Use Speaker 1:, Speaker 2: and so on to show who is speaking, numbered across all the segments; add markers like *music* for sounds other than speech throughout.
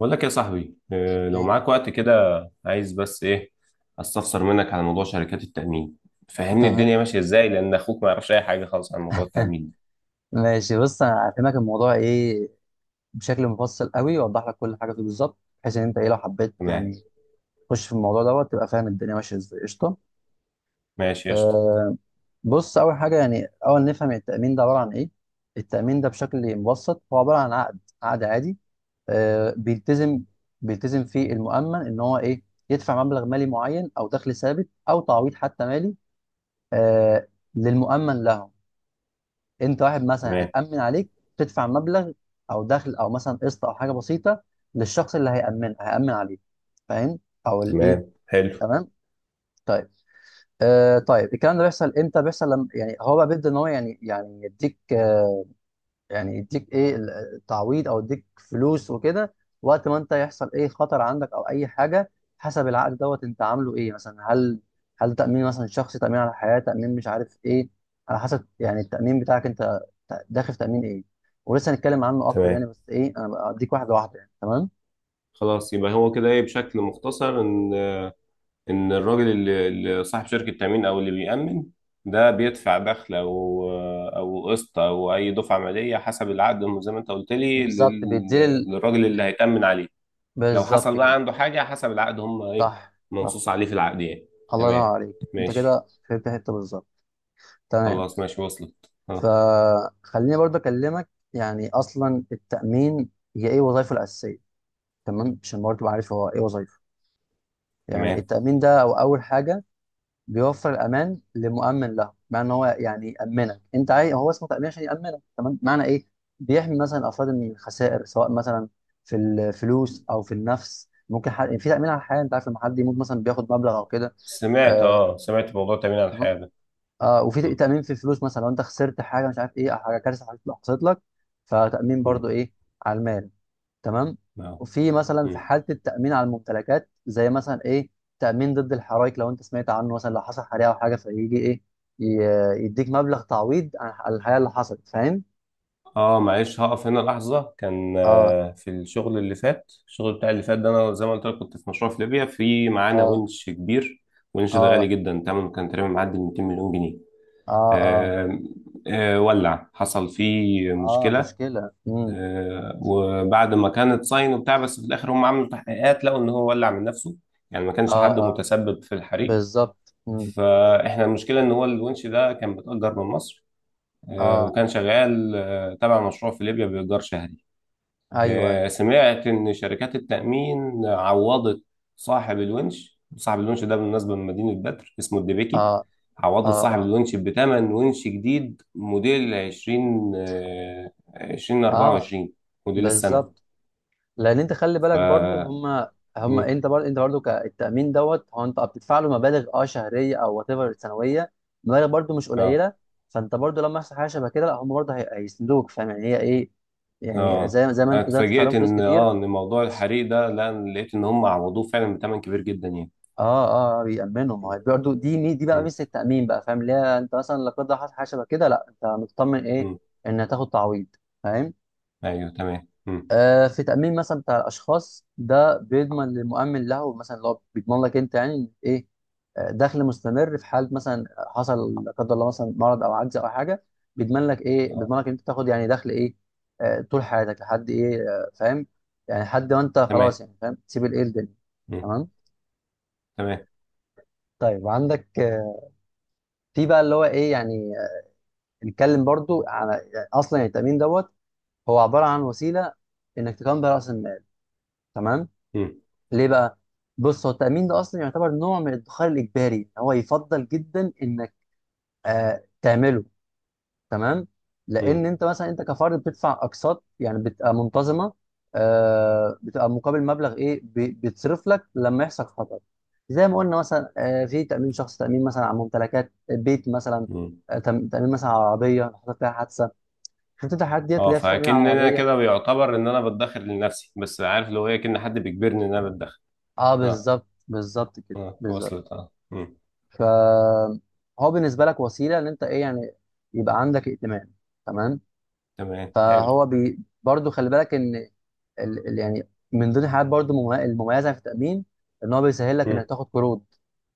Speaker 1: بقول لك يا صاحبي لو
Speaker 2: ايه،
Speaker 1: معاك وقت كده، عايز بس ايه، استفسر منك على موضوع شركات التأمين، فهمني
Speaker 2: تمام.
Speaker 1: الدنيا ماشية ازاي لان اخوك ما يعرفش اي حاجة خالص عن موضوع
Speaker 2: *laughs*
Speaker 1: التأمين ده.
Speaker 2: ماشي بص انا هفهمك الموضوع ايه بشكل مفصل قوي واوضح لك كل حاجه فيه بالظبط. بحيث ان انت ايه لو حبيت
Speaker 1: تمام.
Speaker 2: يعني تخش في الموضوع دوت تبقى فاهم الدنيا ماشيه ازاي. قشطه.
Speaker 1: ماشي قشطة.
Speaker 2: آه. بص اول حاجه، يعني اول نفهم التامين ده عباره عن ايه. التامين ده بشكل مبسط هو عباره عن عقد عادي. آه، بيلتزم فيه المؤمن ان هو ايه، يدفع مبلغ مالي معين او دخل ثابت او تعويض حتى مالي، آه، للمؤمن له. انت واحد مثلا
Speaker 1: تمام.
Speaker 2: هيتامن عليك، تدفع مبلغ او دخل او مثلا قسط او حاجه بسيطه للشخص اللي هيامن عليك. فاهم؟ او الايه،
Speaker 1: تمام حلو.
Speaker 2: تمام. طيب، طيب، الكلام ده بيحصل امتى؟ بيحصل لما يعني هو بقى بيبدا ان هو يعني يديك يعني يديك ايه، التعويض او يديك فلوس وكده وقت ما انت يحصل ايه خطر عندك او اي حاجه حسب العقد دوت انت عامله ايه. مثلا هل تامين مثلا شخصي، تامين على الحياه، تامين مش عارف ايه، على حسب يعني التامين بتاعك انت داخل في تامين ايه. ولسه هنتكلم عنه اكتر يعني،
Speaker 1: تمام.
Speaker 2: بس ايه انا بديك واحده واحده يعني. تمام.
Speaker 1: خلاص يبقى هو كده ايه بشكل مختصر ان ان الراجل اللي صاحب شركة تأمين او اللي بيأمن ده بيدفع دخل او او قسط او اي دفعة مالية حسب العقد زي ما انت قلت لي
Speaker 2: بالظبط
Speaker 1: للراجل اللي هيتأمن عليه. لو
Speaker 2: بالظبط
Speaker 1: حصل بقى
Speaker 2: كده.
Speaker 1: عنده حاجة حسب العقد، هم ايه،
Speaker 2: صح، صح.
Speaker 1: منصوص عليه في العقد يعني.
Speaker 2: الله ينور
Speaker 1: تمام،
Speaker 2: عليك، انت
Speaker 1: ماشي.
Speaker 2: كده فهمت حته بالظبط. تمام.
Speaker 1: خلاص ماشي، وصلت اه.
Speaker 2: فخليني برضه اكلمك يعني اصلا التامين هي ايه وظائفه الاساسيه. تمام، عشان برضه تبقى عارف هو ايه وظائفه يعني
Speaker 1: تمام.
Speaker 2: التامين ده. او اول حاجه، بيوفر الامان لمؤمن له، بمعنى ان هو يعني يامنك انت، عايز هو اسمه تامين عشان يامنك. تمام، معنى ايه، بيحمي مثلا افراد من الخسائر سواء مثلا في الفلوس او في النفس. ممكن يعني في تامين على الحياه انت عارف، لما حد يموت مثلا بياخد مبلغ او كده.
Speaker 1: سمعت
Speaker 2: آه.
Speaker 1: اه، سمعت موضوع تأمين على الحياة ده.
Speaker 2: آه، وفي
Speaker 1: م.
Speaker 2: تأمين في الفلوس، مثلا لو انت خسرت حاجه مش عارف ايه، او حاجه كارثه حصلت لك، فتأمين برضو
Speaker 1: م.
Speaker 2: ايه، على المال. تمام.
Speaker 1: اه.
Speaker 2: وفي مثلا في
Speaker 1: م.
Speaker 2: حاله التأمين على الممتلكات، زي مثلا ايه، تأمين ضد الحرائق. لو انت سمعت عنه مثلا، لو حصل حريقه او حاجه فيجي ايه، يديك مبلغ تعويض عن على الحريقه اللي حصلت. فاهم؟
Speaker 1: اه، معلش هقف هنا لحظة. كان
Speaker 2: اه،
Speaker 1: في الشغل اللي فات، الشغل بتاع اللي فات ده انا زي ما قلت لك كنت في مشروع في ليبيا، في معانا
Speaker 2: اه.
Speaker 1: ونش كبير. ونش ده غالي
Speaker 2: اه،
Speaker 1: جدا، تمنه كان تقريبا معدي ال 200 مليون جنيه.
Speaker 2: اه، اه،
Speaker 1: آه. آه، ولع، حصل فيه
Speaker 2: اه
Speaker 1: مشكلة.
Speaker 2: مشكله.
Speaker 1: وبعد ما كانت صاين وبتاع، بس في الاخر هم عملوا تحقيقات، لقوا ان هو ولع من نفسه، يعني ما كانش
Speaker 2: اه،
Speaker 1: حد
Speaker 2: اه،
Speaker 1: متسبب في الحريق.
Speaker 2: بالظبط.
Speaker 1: فاحنا المشكله ان هو الونش ده كان متاجر من مصر،
Speaker 2: اه،
Speaker 1: وكان شغال تبع مشروع في ليبيا بايجار شهري.
Speaker 2: ايوه ايوه.
Speaker 1: سمعت ان شركات التامين عوضت صاحب الونش. صاحب الونش ده بالمناسبه من مدينه بدر، اسمه الدبيكي.
Speaker 2: اه، اه.
Speaker 1: عوضت صاحب
Speaker 2: اه،
Speaker 1: الونش بثمن ونش جديد موديل 20
Speaker 2: اه.
Speaker 1: 2024، موديل السنه.
Speaker 2: بالظبط. لان انت خلي
Speaker 1: ف
Speaker 2: بالك برضو، هم هم
Speaker 1: مم.
Speaker 2: انت برضو، كالتامين دوت هو انت بتدفع له مبالغ اه شهريه او وات ايفر سنويه. مبالغ برضو مش
Speaker 1: اه
Speaker 2: قليله. فانت برضو لما يحصل حاجه شبه كده لا هم برضو هيسندوك. فاهم يعني هي ايه، يعني
Speaker 1: اه.
Speaker 2: زي زي ما
Speaker 1: أنا
Speaker 2: انت زي ما انت بتدفع
Speaker 1: اتفاجئت
Speaker 2: لهم فلوس
Speaker 1: ان
Speaker 2: كتير.
Speaker 1: اه ان موضوع الحريق ده، لا أنا لقيت ان هم عوضوه فعلا بثمن كبير جدا يعني.
Speaker 2: اه. اه، بيأمنوا، ما
Speaker 1: مم.
Speaker 2: هو برضو دي بقى
Speaker 1: مم.
Speaker 2: ميزه التأمين بقى. فاهم؟ اللي هي انت مثلا لا قدر الله حصل حاجه شبه كده، لا انت مطمن ايه،
Speaker 1: مم.
Speaker 2: ان هتاخد تعويض. فاهم؟
Speaker 1: ايوه تمام. مم.
Speaker 2: آه، في تأمين مثلا بتاع الأشخاص ده بيضمن للمؤمن له، مثلا اللي هو بيضمن لك أنت يعني إن إيه، آه، دخل مستمر في حال مثلا حصل لا قدر الله مثلا مرض أو عجز أو حاجة، بيضمن لك إيه،
Speaker 1: اه.
Speaker 2: بيضمن لك أنت تاخد يعني دخل إيه، آه، طول حياتك لحد إيه، آه، فاهم؟ يعني لحد ما أنت
Speaker 1: تمام.
Speaker 2: خلاص يعني فاهم تسيب الإيه، الدنيا.
Speaker 1: مم.
Speaker 2: تمام.
Speaker 1: تمام.
Speaker 2: طيب عندك في بقى اللي هو إيه يعني، نتكلم برضو على يعني أصلا يعني التأمين دوت هو عبارة عن وسيلة إنك تكون بيها رأس المال. تمام.
Speaker 1: مم.
Speaker 2: ليه بقى؟ بص هو التأمين ده أصلا يعتبر نوع من الادخار الإجباري. هو يفضل جدا إنك آه تعمله. تمام؟ لأن
Speaker 1: مم.
Speaker 2: أنت مثلا أنت كفرد بتدفع أقساط يعني بتبقى منتظمة، آه بتبقى مقابل مبلغ إيه، بيتصرف لك لما يحصل خطر. زي ما قلنا مثلا، آه في تأمين شخص، تأمين مثلا على ممتلكات بيت مثلا،
Speaker 1: مم.
Speaker 2: آه تأمين مثلا على عربية لو حصل فيها حادثة. شفت أنت الحاجات ديت
Speaker 1: اه،
Speaker 2: اللي هي في تأمين على
Speaker 1: فاكن انا
Speaker 2: العربية؟
Speaker 1: كده بيعتبر ان انا بتدخر لنفسي، بس عارف لو هي كأن حد بيجبرني ان انا بتدخر.
Speaker 2: أه
Speaker 1: اه.
Speaker 2: بالظبط، بالظبط كده،
Speaker 1: اه
Speaker 2: بالظبط.
Speaker 1: وصلت اه. مم.
Speaker 2: فهو بالنسبه لك وسيله ان انت ايه يعني، يبقى عندك ائتمان. تمام.
Speaker 1: تمام حلو.
Speaker 2: فهو برضو خلي بالك ان يعني من ضمن الحاجات برضو المميزه في التامين ان هو بيسهل لك
Speaker 1: مم.
Speaker 2: انك تاخد قروض.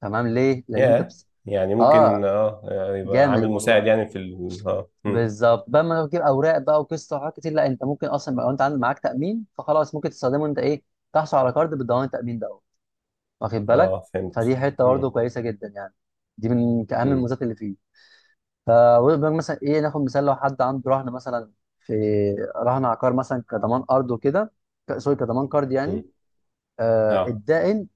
Speaker 2: تمام. ليه؟
Speaker 1: يا يعني ممكن
Speaker 2: اه،
Speaker 1: اه، يبقى
Speaker 2: جامد
Speaker 1: عامل مساعد
Speaker 2: الموضوع.
Speaker 1: يعني في ال... اه.
Speaker 2: بالظبط، بدل ما تجيب اوراق بقى وقصه وحاجات كتير، لا انت ممكن اصلا بقى لو انت عندك معاك تامين فخلاص ممكن تستخدمه، انت ايه تحصل على كارد بالضمان التامين ده. واخد بالك؟
Speaker 1: اه فهمت.
Speaker 2: فدي حته برضه
Speaker 1: مم.
Speaker 2: كويسه جدا يعني. دي من اهم
Speaker 1: مم.
Speaker 2: الميزات اللي فيه. فبقول مثلا ايه، ناخد مثال لو حد عنده رهن مثلا، في رهن عقار مثلا كضمان ارض وكده، سوري كضمان قرض يعني.
Speaker 1: مم.
Speaker 2: آه
Speaker 1: اه.
Speaker 2: الدائن،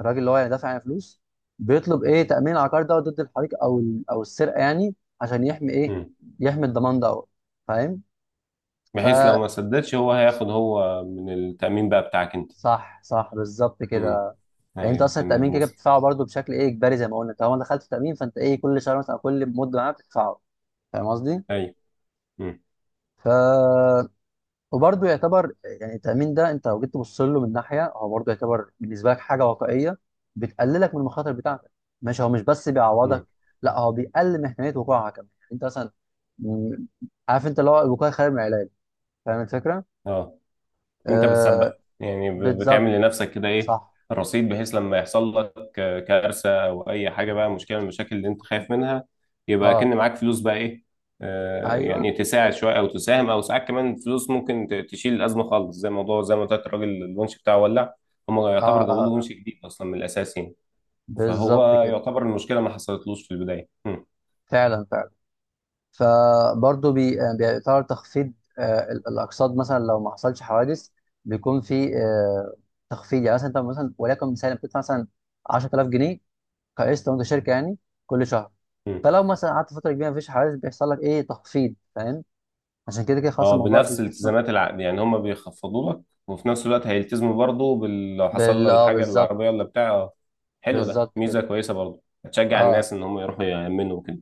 Speaker 2: الراجل اللي هو يعني دافع يعني فلوس، بيطلب ايه، تامين العقار ده ضد الحريق او السرقه يعني، عشان يحمي ايه،
Speaker 1: مم.
Speaker 2: يحمي الضمان ده. فاهم؟ ف
Speaker 1: بحيث لو ما سددش، هو هياخد هو من التأمين بقى بتاعك انت.
Speaker 2: صح، صح، بالظبط
Speaker 1: مم.
Speaker 2: كده. يعني انت
Speaker 1: ايوه
Speaker 2: اصلا التامين
Speaker 1: تمام
Speaker 2: كده
Speaker 1: وصل.
Speaker 2: بتدفعه برضه بشكل ايه، اجباري زي ما قلنا. طالما دخلت في التامين فانت ايه، كل شهر مثلا أو كل مده معاك بتدفعه. فاهم قصدي؟
Speaker 1: ايوه. مم.
Speaker 2: ف وبرضه يعتبر يعني التأمين ده أنت لو جيت تبص له من ناحية، هو برضه يعتبر بالنسبة لك حاجة واقعية بتقللك من المخاطر بتاعتك. ماشي؟ هو مش بس بيعوضك،
Speaker 1: مم.
Speaker 2: لا هو بيقلل من احتمالية وقوعها كمان. يعني أنت مثلا م- عارف أنت اللي هو الوقاية خير من العلاج. فاهم الفكرة؟
Speaker 1: اه، ان انت بتسبق
Speaker 2: آه،
Speaker 1: يعني،
Speaker 2: بالظبط.
Speaker 1: بتعمل لنفسك كده ايه،
Speaker 2: صح.
Speaker 1: الرصيد، بحيث
Speaker 2: صح.
Speaker 1: لما يحصل لك كارثه او اي حاجه بقى، مشكله من المشاكل اللي انت خايف منها، يبقى
Speaker 2: اه،
Speaker 1: كأن معاك فلوس بقى ايه،
Speaker 2: ايوه، اه،
Speaker 1: يعني تساعد شويه او تساهم، او ساعات كمان فلوس ممكن تشيل الازمه خالص. زي موضوع زي ما قلت لك، الراجل الونش بتاعه ولع، هم
Speaker 2: اه،
Speaker 1: يعتبر جابوا له ونش
Speaker 2: آه.
Speaker 1: جديد اصلا من الاساس يعني.
Speaker 2: بالظبط
Speaker 1: فهو
Speaker 2: كده
Speaker 1: يعتبر المشكله ما حصلتلوش في البدايه. م.
Speaker 2: فعلا، فعلا. فبرضه بيطار تخفيض الاقساط مثلا لو ما حصلش حوادث، بيكون في تخفيض. يعني مثلا انت مثلا وليكن مثلا بتدفع مثلا 10,000 جنيه كقسط، وانت شركه يعني، كل شهر.
Speaker 1: م.
Speaker 2: فلو مثلا قعدت فتره كبيره مفيش حوادث بيحصل لك ايه، تخفيض. فاهم؟ عشان كده كده خلاص
Speaker 1: اه،
Speaker 2: الموضوع
Speaker 1: بنفس
Speaker 2: بيحس إنه-
Speaker 1: الالتزامات العقد يعني هم بيخفضوا لك، وفي نفس الوقت هيلتزموا برضه بال... لو حصل لها الحاجه
Speaker 2: بالظبط،
Speaker 1: للعربيه ولا بتاع حلو. ده
Speaker 2: بالظبط كده.
Speaker 1: ميزه كويسه برضه، هتشجع
Speaker 2: اه،
Speaker 1: الناس ان هم يروحوا يأمنوا وكده.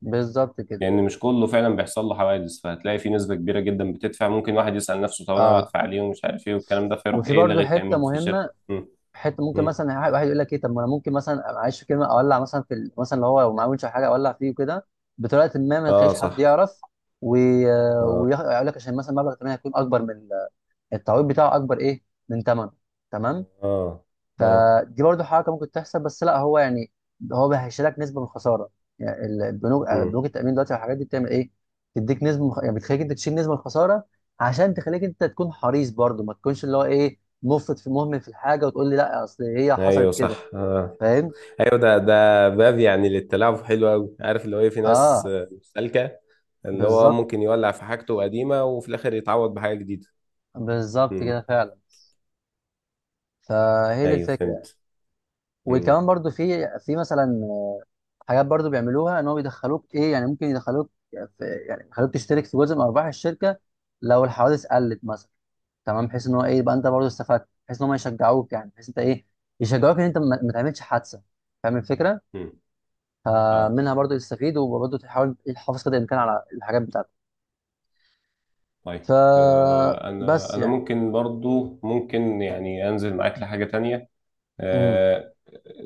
Speaker 2: بالظبط كده.
Speaker 1: لان مش كله فعلا بيحصل له حوادث، فهتلاقي في نسبه كبيره جدا بتدفع، ممكن واحد يسأل نفسه طب انا
Speaker 2: اه.
Speaker 1: بدفع ليه ومش عارف ايه والكلام ده، فيروح
Speaker 2: وفي
Speaker 1: ايه،
Speaker 2: برضه
Speaker 1: لغي
Speaker 2: حته
Speaker 1: التأمين في الشركه.
Speaker 2: مهمه،
Speaker 1: مم.
Speaker 2: حته ممكن
Speaker 1: مم.
Speaker 2: مثلا واحد يقول لك ايه، طب ما انا ممكن مثلا معلش في كلمه اولع مثلا مثلا اللي هو لو معاه وينش أو حاجه، اولع فيه وكده بطريقه ما
Speaker 1: اه
Speaker 2: تخليش حد
Speaker 1: صح.
Speaker 2: يعرف، ويقول لك عشان مثلا مبلغ الثمن هيكون اكبر التعويض بتاعه اكبر ايه، من ثمنه. تمام.
Speaker 1: اه اه.
Speaker 2: فدي برضو حركه ممكن تحصل، بس لا هو يعني هو بيهشلك نسبه من الخساره. يعني البنوك،
Speaker 1: مم.
Speaker 2: بنوك التامين دلوقتي والحاجات دي بتعمل ايه؟ تديك نسبه من يعني بتخليك انت تشيل نسبه من الخساره، عشان تخليك انت تكون حريص برضو، ما تكونش اللي هو ايه، مفرط في مهمل في الحاجه وتقول لي لا اصل هي
Speaker 1: ايوه
Speaker 2: حصلت
Speaker 1: صح
Speaker 2: كده.
Speaker 1: اه.
Speaker 2: فاهم؟
Speaker 1: ايوه، ده باب يعني للتلاعب، حلو قوي. عارف اللي هو ايه، في ناس
Speaker 2: اه،
Speaker 1: سالكه، اللي هو
Speaker 2: بالظبط،
Speaker 1: ممكن يولع في حاجته قديمة، وفي الآخر يتعوض بحاجة جديدة.
Speaker 2: بالظبط كده
Speaker 1: امم
Speaker 2: فعلا. فهي دي
Speaker 1: أيوه
Speaker 2: الفكره.
Speaker 1: فهمت. امم
Speaker 2: وكمان برضو في مثلا حاجات برضو بيعملوها ان هو بيدخلوك ايه، يعني ممكن يدخلوك في يعني يخلوك تشترك في جزء من ارباح الشركه لو الحوادث قلت مثلا. تمام. بحيث ان هو ايه، يبقى انت برضو استفدت، بحيث ان هم يشجعوك يعني، بحيث انت ايه، يشجعوك ان انت ما تعملش حادثه. فاهم الفكره؟
Speaker 1: امم اه.
Speaker 2: فمنها برضو تستفيد، وبرضو تحاول تحافظ قدر الامكان على الحاجات بتاعتك. ف
Speaker 1: طيب أنا
Speaker 2: بس
Speaker 1: أنا
Speaker 2: يعني.
Speaker 1: ممكن برضو، ممكن يعني أنزل معاك لحاجة تانية.
Speaker 2: مم.
Speaker 1: آه،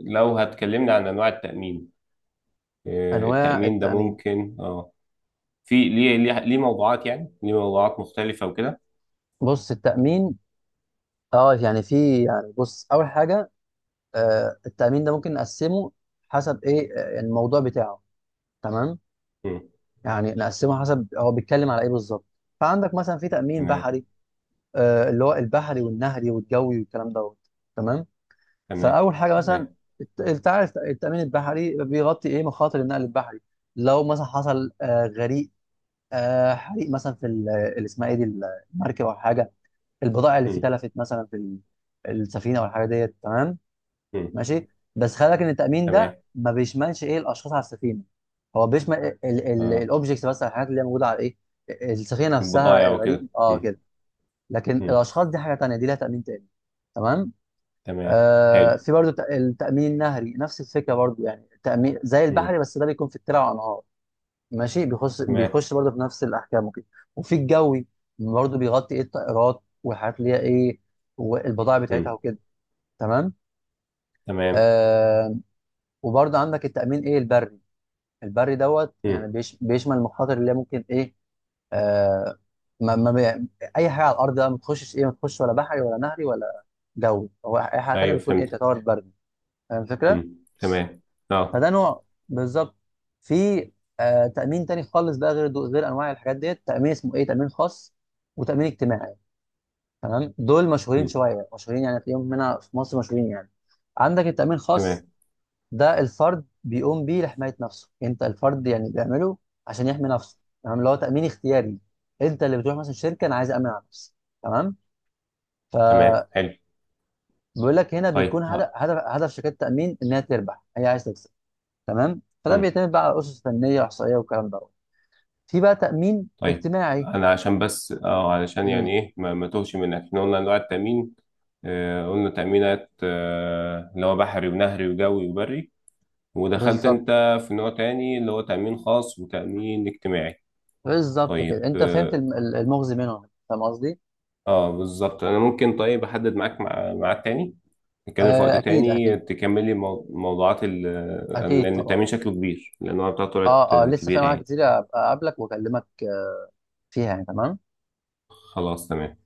Speaker 1: لو هتكلمنا عن أنواع التأمين،
Speaker 2: انواع
Speaker 1: التأمين ده
Speaker 2: التامين؟
Speaker 1: ممكن اه، في ليه موضوعات، يعني ليه موضوعات مختلفة وكده.
Speaker 2: بص التامين، اه يعني في يعني، بص اول حاجه، آه التامين ده ممكن نقسمه حسب ايه، يعني الموضوع بتاعه. تمام.
Speaker 1: امم
Speaker 2: يعني نقسمها حسب هو بيتكلم على ايه بالظبط. فعندك مثلا في تأمين
Speaker 1: تمام.
Speaker 2: بحري، آه اللي هو البحري والنهري والجوي والكلام دوت. تمام.
Speaker 1: تمام.
Speaker 2: فأول حاجة مثلا
Speaker 1: تمام.
Speaker 2: انت عارف التأمين البحري بيغطي ايه، مخاطر النقل البحري. لو مثلا حصل آه غريق، آه حريق مثلا اللي اسمها ايه دي، المركب او حاجة، البضائع اللي فيه
Speaker 1: امم
Speaker 2: تلفت مثلا السفينة او الحاجة ديت. تمام،
Speaker 1: امم
Speaker 2: ماشي. بس خلي بالك ان التامين ده
Speaker 1: تمام.
Speaker 2: ما بيشملش ايه، الاشخاص على السفينه. هو بيشمل
Speaker 1: اه،
Speaker 2: الاوبجكتس بس، الحاجات اللي هي موجوده على ايه، السفينه نفسها،
Speaker 1: البضائع
Speaker 2: الغريق
Speaker 1: وكده.
Speaker 2: اه كده. لكن
Speaker 1: امم
Speaker 2: الاشخاص دي حاجه تانيه، دي لها تامين تاني. تمام.
Speaker 1: تمام
Speaker 2: آه،
Speaker 1: حلو.
Speaker 2: في برضو التامين النهري نفس الفكره برضو، يعني تامين زي البحري
Speaker 1: امم
Speaker 2: بس ده بيكون في الترع والانهار. ماشي، بيخش
Speaker 1: تمام.
Speaker 2: بيخش برضو في نفس الاحكام وكده. وفي الجوي برضو بيغطي ايه، الطائرات والحاجات اللي هي ايه، والبضائع بتاعتها
Speaker 1: مم.
Speaker 2: وكده. تمام.
Speaker 1: تمام.
Speaker 2: آه، وبرضه عندك التأمين ايه، البري. البري دوت يعني
Speaker 1: مم.
Speaker 2: بيشمل المخاطر اللي هي ممكن ايه، آه ما ما بي... اي حاجه على الارض بقى ما تخشش ايه، ما تخش ولا بحري ولا نهري ولا جوي، هو اي حاجه تانيه
Speaker 1: ايوه
Speaker 2: بتكون ايه،
Speaker 1: فهمت.
Speaker 2: تعتبر بري. فاهم الفكره؟
Speaker 1: مم. تمام. اه.
Speaker 2: فده نوع، بالظبط. في آه تأمين تاني خالص بقى غير انواع الحاجات ديت، تأمين اسمه ايه، تأمين خاص وتأمين اجتماعي. تمام. دول مشهورين
Speaker 1: مم.
Speaker 2: شويه، مشهورين يعني تلاقيهم هنا في مصر مشهورين يعني. عندك التأمين الخاص،
Speaker 1: تمام.
Speaker 2: ده الفرد بيقوم بيه لحماية نفسه، انت الفرد يعني بيعمله عشان يحمي نفسه. تمام، اللي هو تأمين اختياري. انت اللي بتروح مثلا شركة، انا عايز أأمن على نفسي. تمام.
Speaker 1: تمام
Speaker 2: فبيقول
Speaker 1: حلو.
Speaker 2: لك، هنا بيكون
Speaker 1: طيب
Speaker 2: هدف
Speaker 1: ها.
Speaker 2: هدف شركات التأمين انها تربح، هي عايز تكسب. تمام. فده
Speaker 1: مم.
Speaker 2: بيعتمد بقى على أسس فنية وإحصائية والكلام ده. في بقى تأمين
Speaker 1: طيب
Speaker 2: اجتماعي.
Speaker 1: انا عشان بس اه، علشان
Speaker 2: امم.
Speaker 1: يعني ايه ما توهش منك، احنا قلنا انواع التامين، قلنا تامينات اللي هو بحري ونهري وجوي وبري. ودخلت
Speaker 2: بالظبط،
Speaker 1: انت في نوع تاني، اللي هو تامين خاص وتامين اجتماعي.
Speaker 2: بالظبط كده.
Speaker 1: طيب
Speaker 2: انت فهمت
Speaker 1: اه،
Speaker 2: المغزي منهم. فاهم قصدي؟
Speaker 1: بالظبط. انا ممكن طيب احدد معاك ميعاد تاني، نتكلم في وقت
Speaker 2: آه اكيد،
Speaker 1: تاني،
Speaker 2: اكيد.
Speaker 1: تكملي موضوعات ال-،
Speaker 2: اكيد
Speaker 1: لأن
Speaker 2: طبعا.
Speaker 1: التأمين شكله كبير لأن هو بتاعته طلعت
Speaker 2: اه، اه، لسه في
Speaker 1: كبيرة
Speaker 2: انواع
Speaker 1: يعني.
Speaker 2: كتير. أبقى اقابلك واكلمك فيها يعني. تمام.
Speaker 1: خلاص تمام.